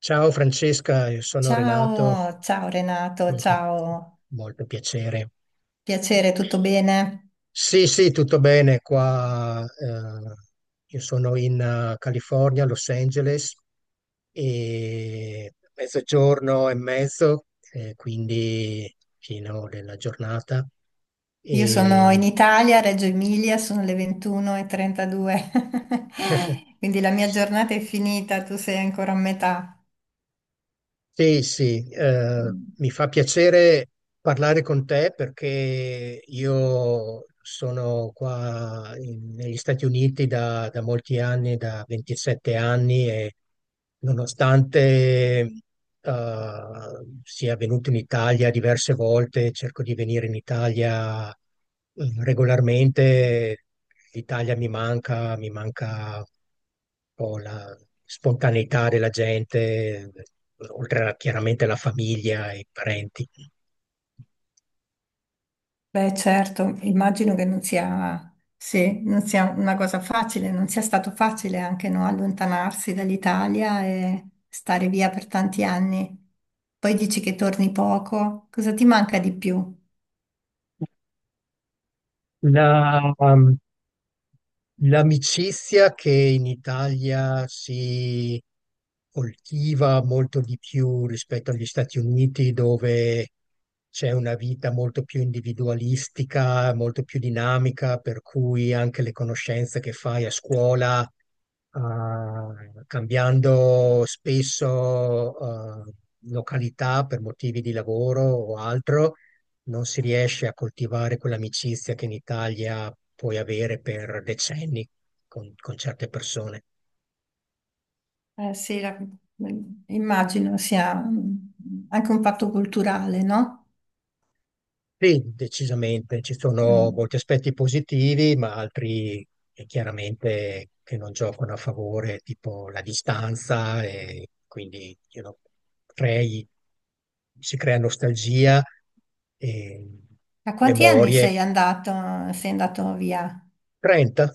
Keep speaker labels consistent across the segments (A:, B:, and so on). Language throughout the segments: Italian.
A: Ciao Francesca, io sono Renato,
B: Ciao, ciao Renato, ciao,
A: molto piacere.
B: piacere, tutto bene?
A: Sì, sì, tutto bene qua. Io sono in California, Los Angeles, e 12:30, quindi fino della giornata.
B: Io
A: E
B: sono in Italia, Reggio Emilia, sono le 21:32. Quindi la mia
A: sì,
B: giornata è finita, tu sei ancora a metà.
A: sì, sì, mi fa piacere parlare con te perché io sono qua negli Stati Uniti da molti anni, da 27 anni e nonostante sia venuto in Italia diverse volte, cerco di venire in Italia regolarmente. L'Italia mi manca un po' la spontaneità della gente, oltre, a, chiaramente, alla famiglia e i parenti.
B: Beh, certo, immagino che non sia, sì, non sia una cosa facile, non sia stato facile anche no, allontanarsi dall'Italia e stare via per tanti anni. Poi dici che torni poco, cosa ti manca di più?
A: La- um, L'amicizia che in Italia si coltiva molto di più rispetto agli Stati Uniti, dove c'è una vita molto più individualistica, molto più dinamica, per cui anche le conoscenze che fai a scuola, cambiando spesso località per motivi di lavoro o altro, non si riesce a coltivare quell'amicizia che in Italia puoi avere per decenni con certe persone.
B: Sì, immagino sia anche un fatto culturale, no?
A: Sì, decisamente, ci sono
B: Mm.
A: molti aspetti positivi, ma altri, chiaramente, che non giocano a favore, tipo la distanza, e quindi, crei- si crea nostalgia e
B: A quanti anni
A: memorie.
B: sei andato via?
A: 30,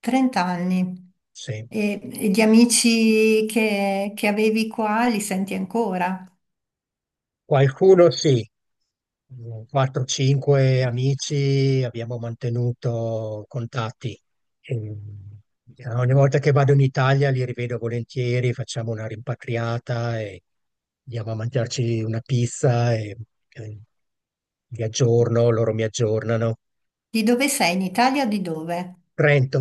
B: 30 anni.
A: sì.
B: E, e gli amici che avevi qua li senti ancora?
A: Qualcuno sì, 4-5 amici abbiamo mantenuto contatti. E ogni volta che vado in Italia li rivedo volentieri, facciamo una rimpatriata e andiamo a mangiarci una pizza e vi aggiorno, loro mi aggiornano.
B: Di dove sei? In Italia o di dove?
A: Trento.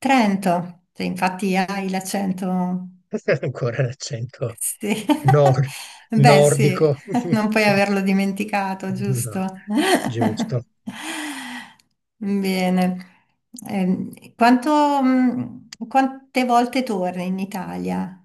B: Trento. Te, infatti hai l'accento.
A: Ancora l'accento
B: Sì,
A: nor-
B: beh sì,
A: nordico.
B: non puoi
A: Sì,
B: averlo dimenticato, giusto?
A: giusto.
B: Bene. Quanto, quante volte torni in Italia?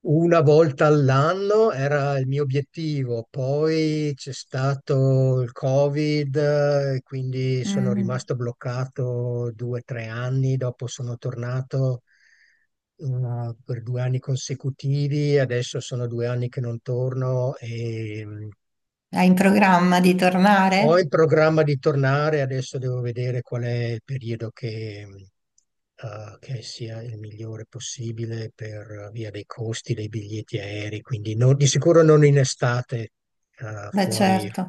A: Una volta all'anno era il mio obiettivo, poi c'è stato il Covid, e quindi sono
B: Mm.
A: rimasto bloccato 2 o 3 anni, dopo sono tornato eh, per 2 anni consecutivi, adesso sono 2 anni che non torno e,
B: Hai in programma di
A: ho in
B: tornare?
A: programma di tornare. Adesso devo vedere qual è il periodo, che sia il migliore possibile per, via dei costi dei biglietti aerei, quindi di sicuro non in estate,
B: Beh
A: fuori.
B: certo.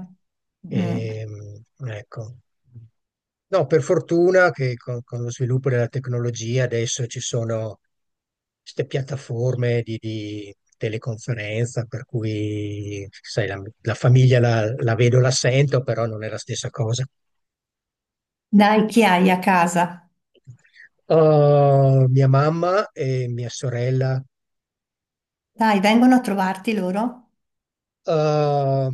B: Mm.
A: Ehm, ecco. No, per fortuna che con lo sviluppo della tecnologia adesso ci sono queste piattaforme di teleconferenza, per cui sai, la famiglia la vedo, la sento, però non è la stessa cosa.
B: Dai, chi hai a casa?
A: Mia mamma e mia sorella.
B: Dai, vengono a trovarti loro?
A: uh,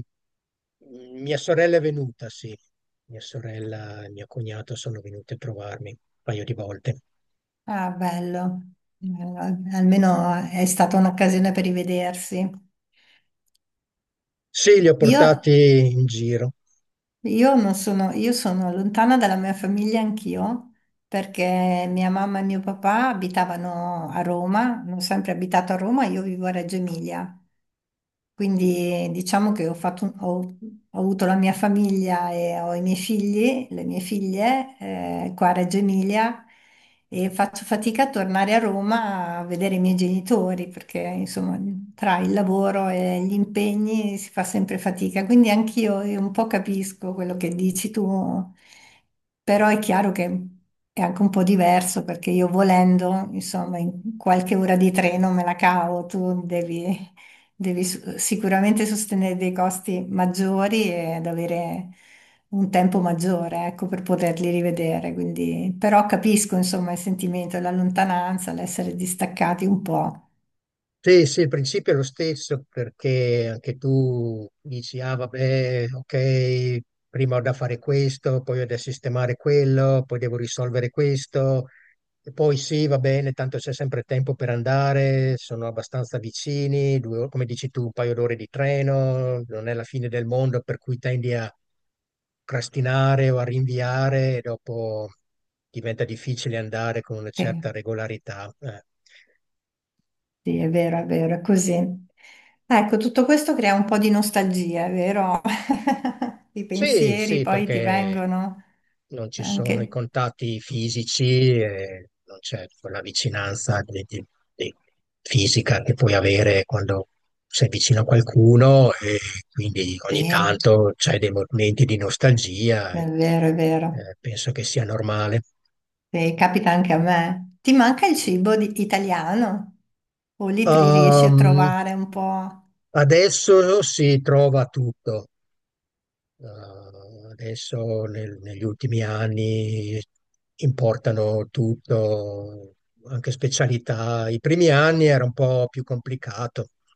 A: Mia sorella è venuta, sì. Mia sorella e mio cognato sono venuti a trovarmi un paio di volte.
B: Ah, bello. Bello, almeno è stata un'occasione per rivedersi.
A: Sì, li ho
B: Io
A: portati in giro.
B: Io non sono, io sono lontana dalla mia famiglia anch'io, perché mia mamma e mio papà abitavano a Roma, hanno sempre abitato a Roma, io vivo a Reggio Emilia. Quindi diciamo che ho, ho avuto la mia famiglia e ho i miei figli, le mie figlie, qua a Reggio Emilia e faccio fatica a tornare a Roma a vedere i miei genitori perché insomma tra il lavoro e gli impegni si fa sempre fatica. Quindi anch'io un po' capisco quello che dici tu, però è chiaro che è anche un po' diverso perché io volendo, insomma, in qualche ora di treno me la cavo, tu devi... sicuramente sostenere dei costi maggiori ed avere un tempo maggiore, ecco, per poterli rivedere. Quindi, però capisco, insomma, il sentimento, la lontananza, l'essere distaccati un po'.
A: Sì, sì, il principio è lo stesso perché anche tu dici, ah vabbè, ok, prima ho da fare questo, poi ho da sistemare quello, poi devo risolvere questo, e poi sì, va bene, tanto c'è sempre tempo per andare, sono abbastanza vicini, come dici tu, un paio d'ore di treno, non è la fine del mondo, per cui tendi a procrastinare o a rinviare, e dopo diventa difficile andare con una
B: Sì,
A: certa regolarità.
B: sì, è vero, è vero, è così. Ecco, tutto questo crea un po' di nostalgia, è vero? I
A: Sì,
B: pensieri
A: sì,
B: poi ti
A: perché
B: vengono
A: non ci sono i
B: anche.
A: contatti fisici e non c'è quella vicinanza di- fisica che puoi avere quando sei vicino a qualcuno, e quindi ogni
B: Sì,
A: tanto c'è dei momenti di nostalgia
B: è
A: e
B: vero, è vero.
A: eh, penso che sia normale.
B: Sì, capita anche a me. Ti manca il cibo italiano? O lì ti riesci a
A: Ehm,
B: trovare un po'?
A: Adesso si trova tutto. Eh, Adesso negli ultimi anni importano tutto, anche specialità. I primi anni era un po' più complicato. I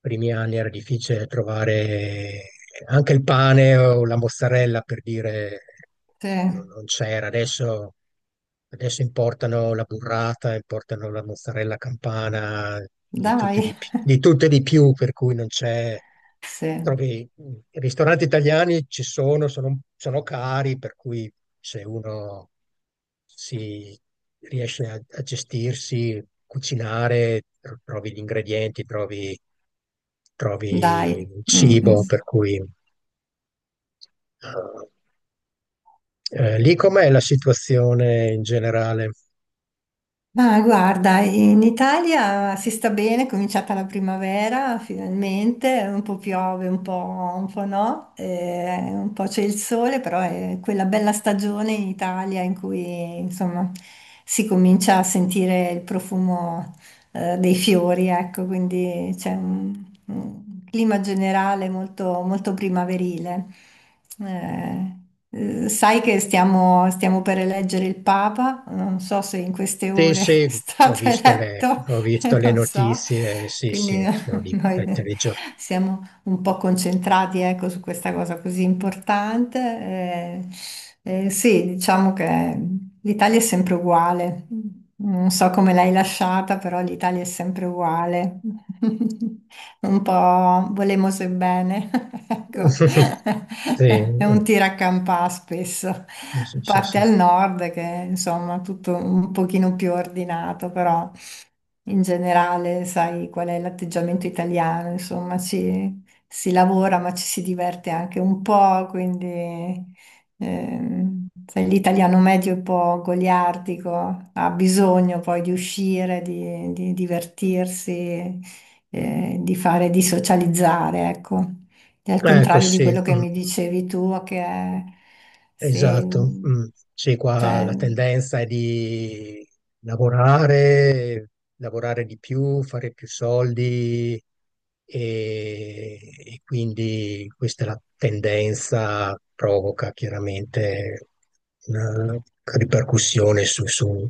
A: primi anni era difficile trovare anche il pane o la mozzarella, per dire
B: Sì,
A: non c'era. Adesso importano la burrata, importano la mozzarella campana,
B: dai,
A: di tutte e di più, per cui non c'è,
B: sì,
A: trovi. I ristoranti italiani ci sono, sono cari, per cui se uno si riesce a gestirsi, cucinare, trovi gli ingredienti, trovi
B: dai.
A: il
B: Mm, mm.
A: cibo, per cui lì com'è la situazione in generale?
B: Ma guarda, in Italia si sta bene, è cominciata la primavera finalmente, un po' piove, un po' no, un po' c'è il sole, però è quella bella stagione in Italia in cui insomma si comincia a sentire il profumo dei fiori, ecco, quindi c'è un clima generale molto, molto primaverile. Eh, sai che stiamo per eleggere il Papa, non so se in queste
A: Sì,
B: ore è
A: sì,
B: stato eletto,
A: ho visto le
B: non so,
A: notizie, sì,
B: quindi
A: sì, sono lì ai
B: noi
A: telegiornali.
B: siamo un po' concentrati, ecco, su questa cosa così importante. Sì, diciamo che l'Italia è sempre uguale. Non so come l'hai lasciata, però l'Italia è sempre uguale. Un po' volemose e bene, ecco.
A: Sì,
B: È un tiracampà spesso. A
A: sì, sì,
B: parte
A: sì.
B: al nord che insomma tutto un pochino più ordinato, però in generale sai qual è l'atteggiamento italiano, insomma ci si lavora ma ci si diverte anche un po', quindi sai, l'italiano medio è un po' goliardico, ha bisogno poi di uscire, di divertirsi, di fare, di socializzare, ecco. E al
A: Ecco,
B: contrario di
A: sì.
B: quello che
A: Mm.
B: mi dicevi tu, che è, se,
A: Esatto, mm. Sì, qua
B: cioè,
A: la tendenza è di lavorare, lavorare di più, fare più soldi, e, e quindi questa è la tendenza, provoca chiaramente una ripercussione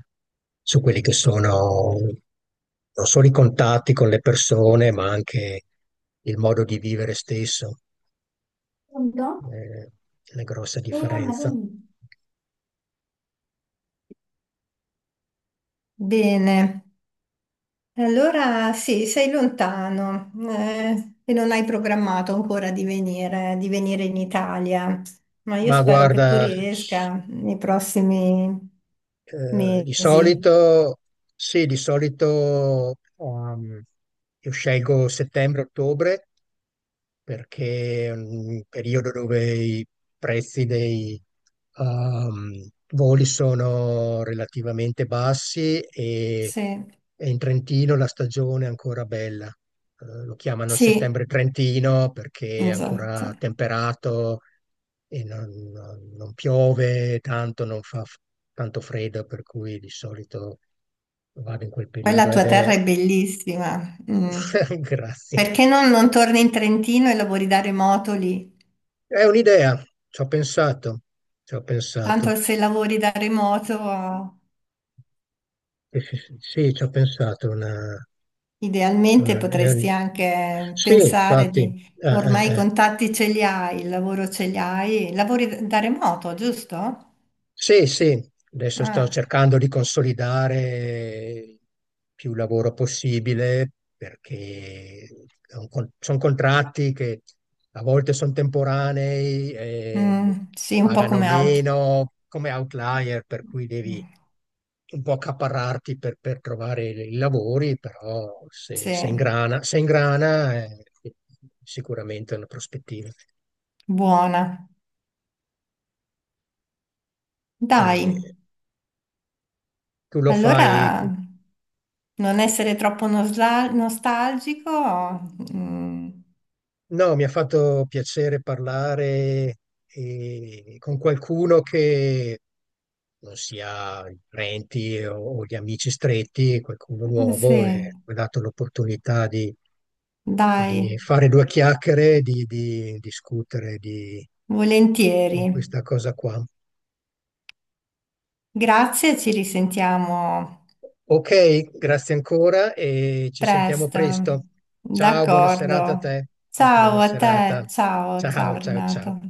A: su quelli che sono non solo i contatti con le persone, ma anche il modo di vivere stesso,
B: Pronto?
A: eh, una grossa
B: Sì, mamma,
A: differenza.
B: dimmi. Bene. E allora sì, sei lontano e non hai programmato ancora di venire in Italia, ma io
A: Ma
B: spero che tu
A: guarda,
B: riesca nei prossimi
A: di
B: mesi.
A: solito, sì, di solito io scelgo settembre-ottobre perché è un periodo dove i prezzi dei, ehm, voli sono relativamente bassi, e,
B: Sì,
A: e in Trentino la stagione è ancora bella. Lo chiamano
B: sì,
A: settembre Trentino perché è
B: esatto.
A: ancora temperato e non piove tanto, non fa tanto freddo, per cui di solito vado in quel
B: Poi la
A: periodo ed
B: tua terra
A: è...
B: è bellissima. Mm.
A: Grazie.
B: Perché non, non torni in Trentino e lavori da remoto lì?
A: È un'idea, ci ho pensato, ci ho
B: Tanto
A: pensato.
B: se lavori da remoto
A: Sì, sì, sì, sì, ci ho pensato.
B: idealmente
A: Una- è
B: potresti
A: un-
B: anche
A: Sì,
B: pensare
A: infatti,
B: di,
A: eh, eh,
B: ormai i
A: eh.
B: contatti ce li hai, il lavoro ce li hai, lavori da remoto, giusto?
A: Sì, sì, adesso sto
B: Ah,
A: cercando di consolidare più lavoro possibile perché sono contratti che a volte sono temporanei, e
B: mm, sì, un po'
A: pagano
B: come out.
A: meno come outlier, per cui devi
B: Mm,
A: un po' accaparrarti per trovare i lavori, però se,
B: sì,
A: se ingrana, se ingrana è sicuramente una prospettiva.
B: buona. Dai,
A: E tu lo fai.
B: allora non essere troppo nostalgico. Mm,
A: No, mi ha fatto piacere parlare con qualcuno che non sia i parenti o gli amici stretti, qualcuno nuovo, e
B: sì,
A: mi ha dato l'opportunità di
B: dai,
A: fare due chiacchiere, di discutere di,
B: volentieri.
A: di questa cosa qua.
B: Grazie, ci risentiamo.
A: Ok, grazie ancora e ci sentiamo
B: Presto,
A: presto. Ciao, buona serata a
B: d'accordo.
A: te. Buona
B: Ciao a te,
A: serata.
B: ciao,
A: Ciao,
B: ciao
A: ciao, ciao.
B: Renato.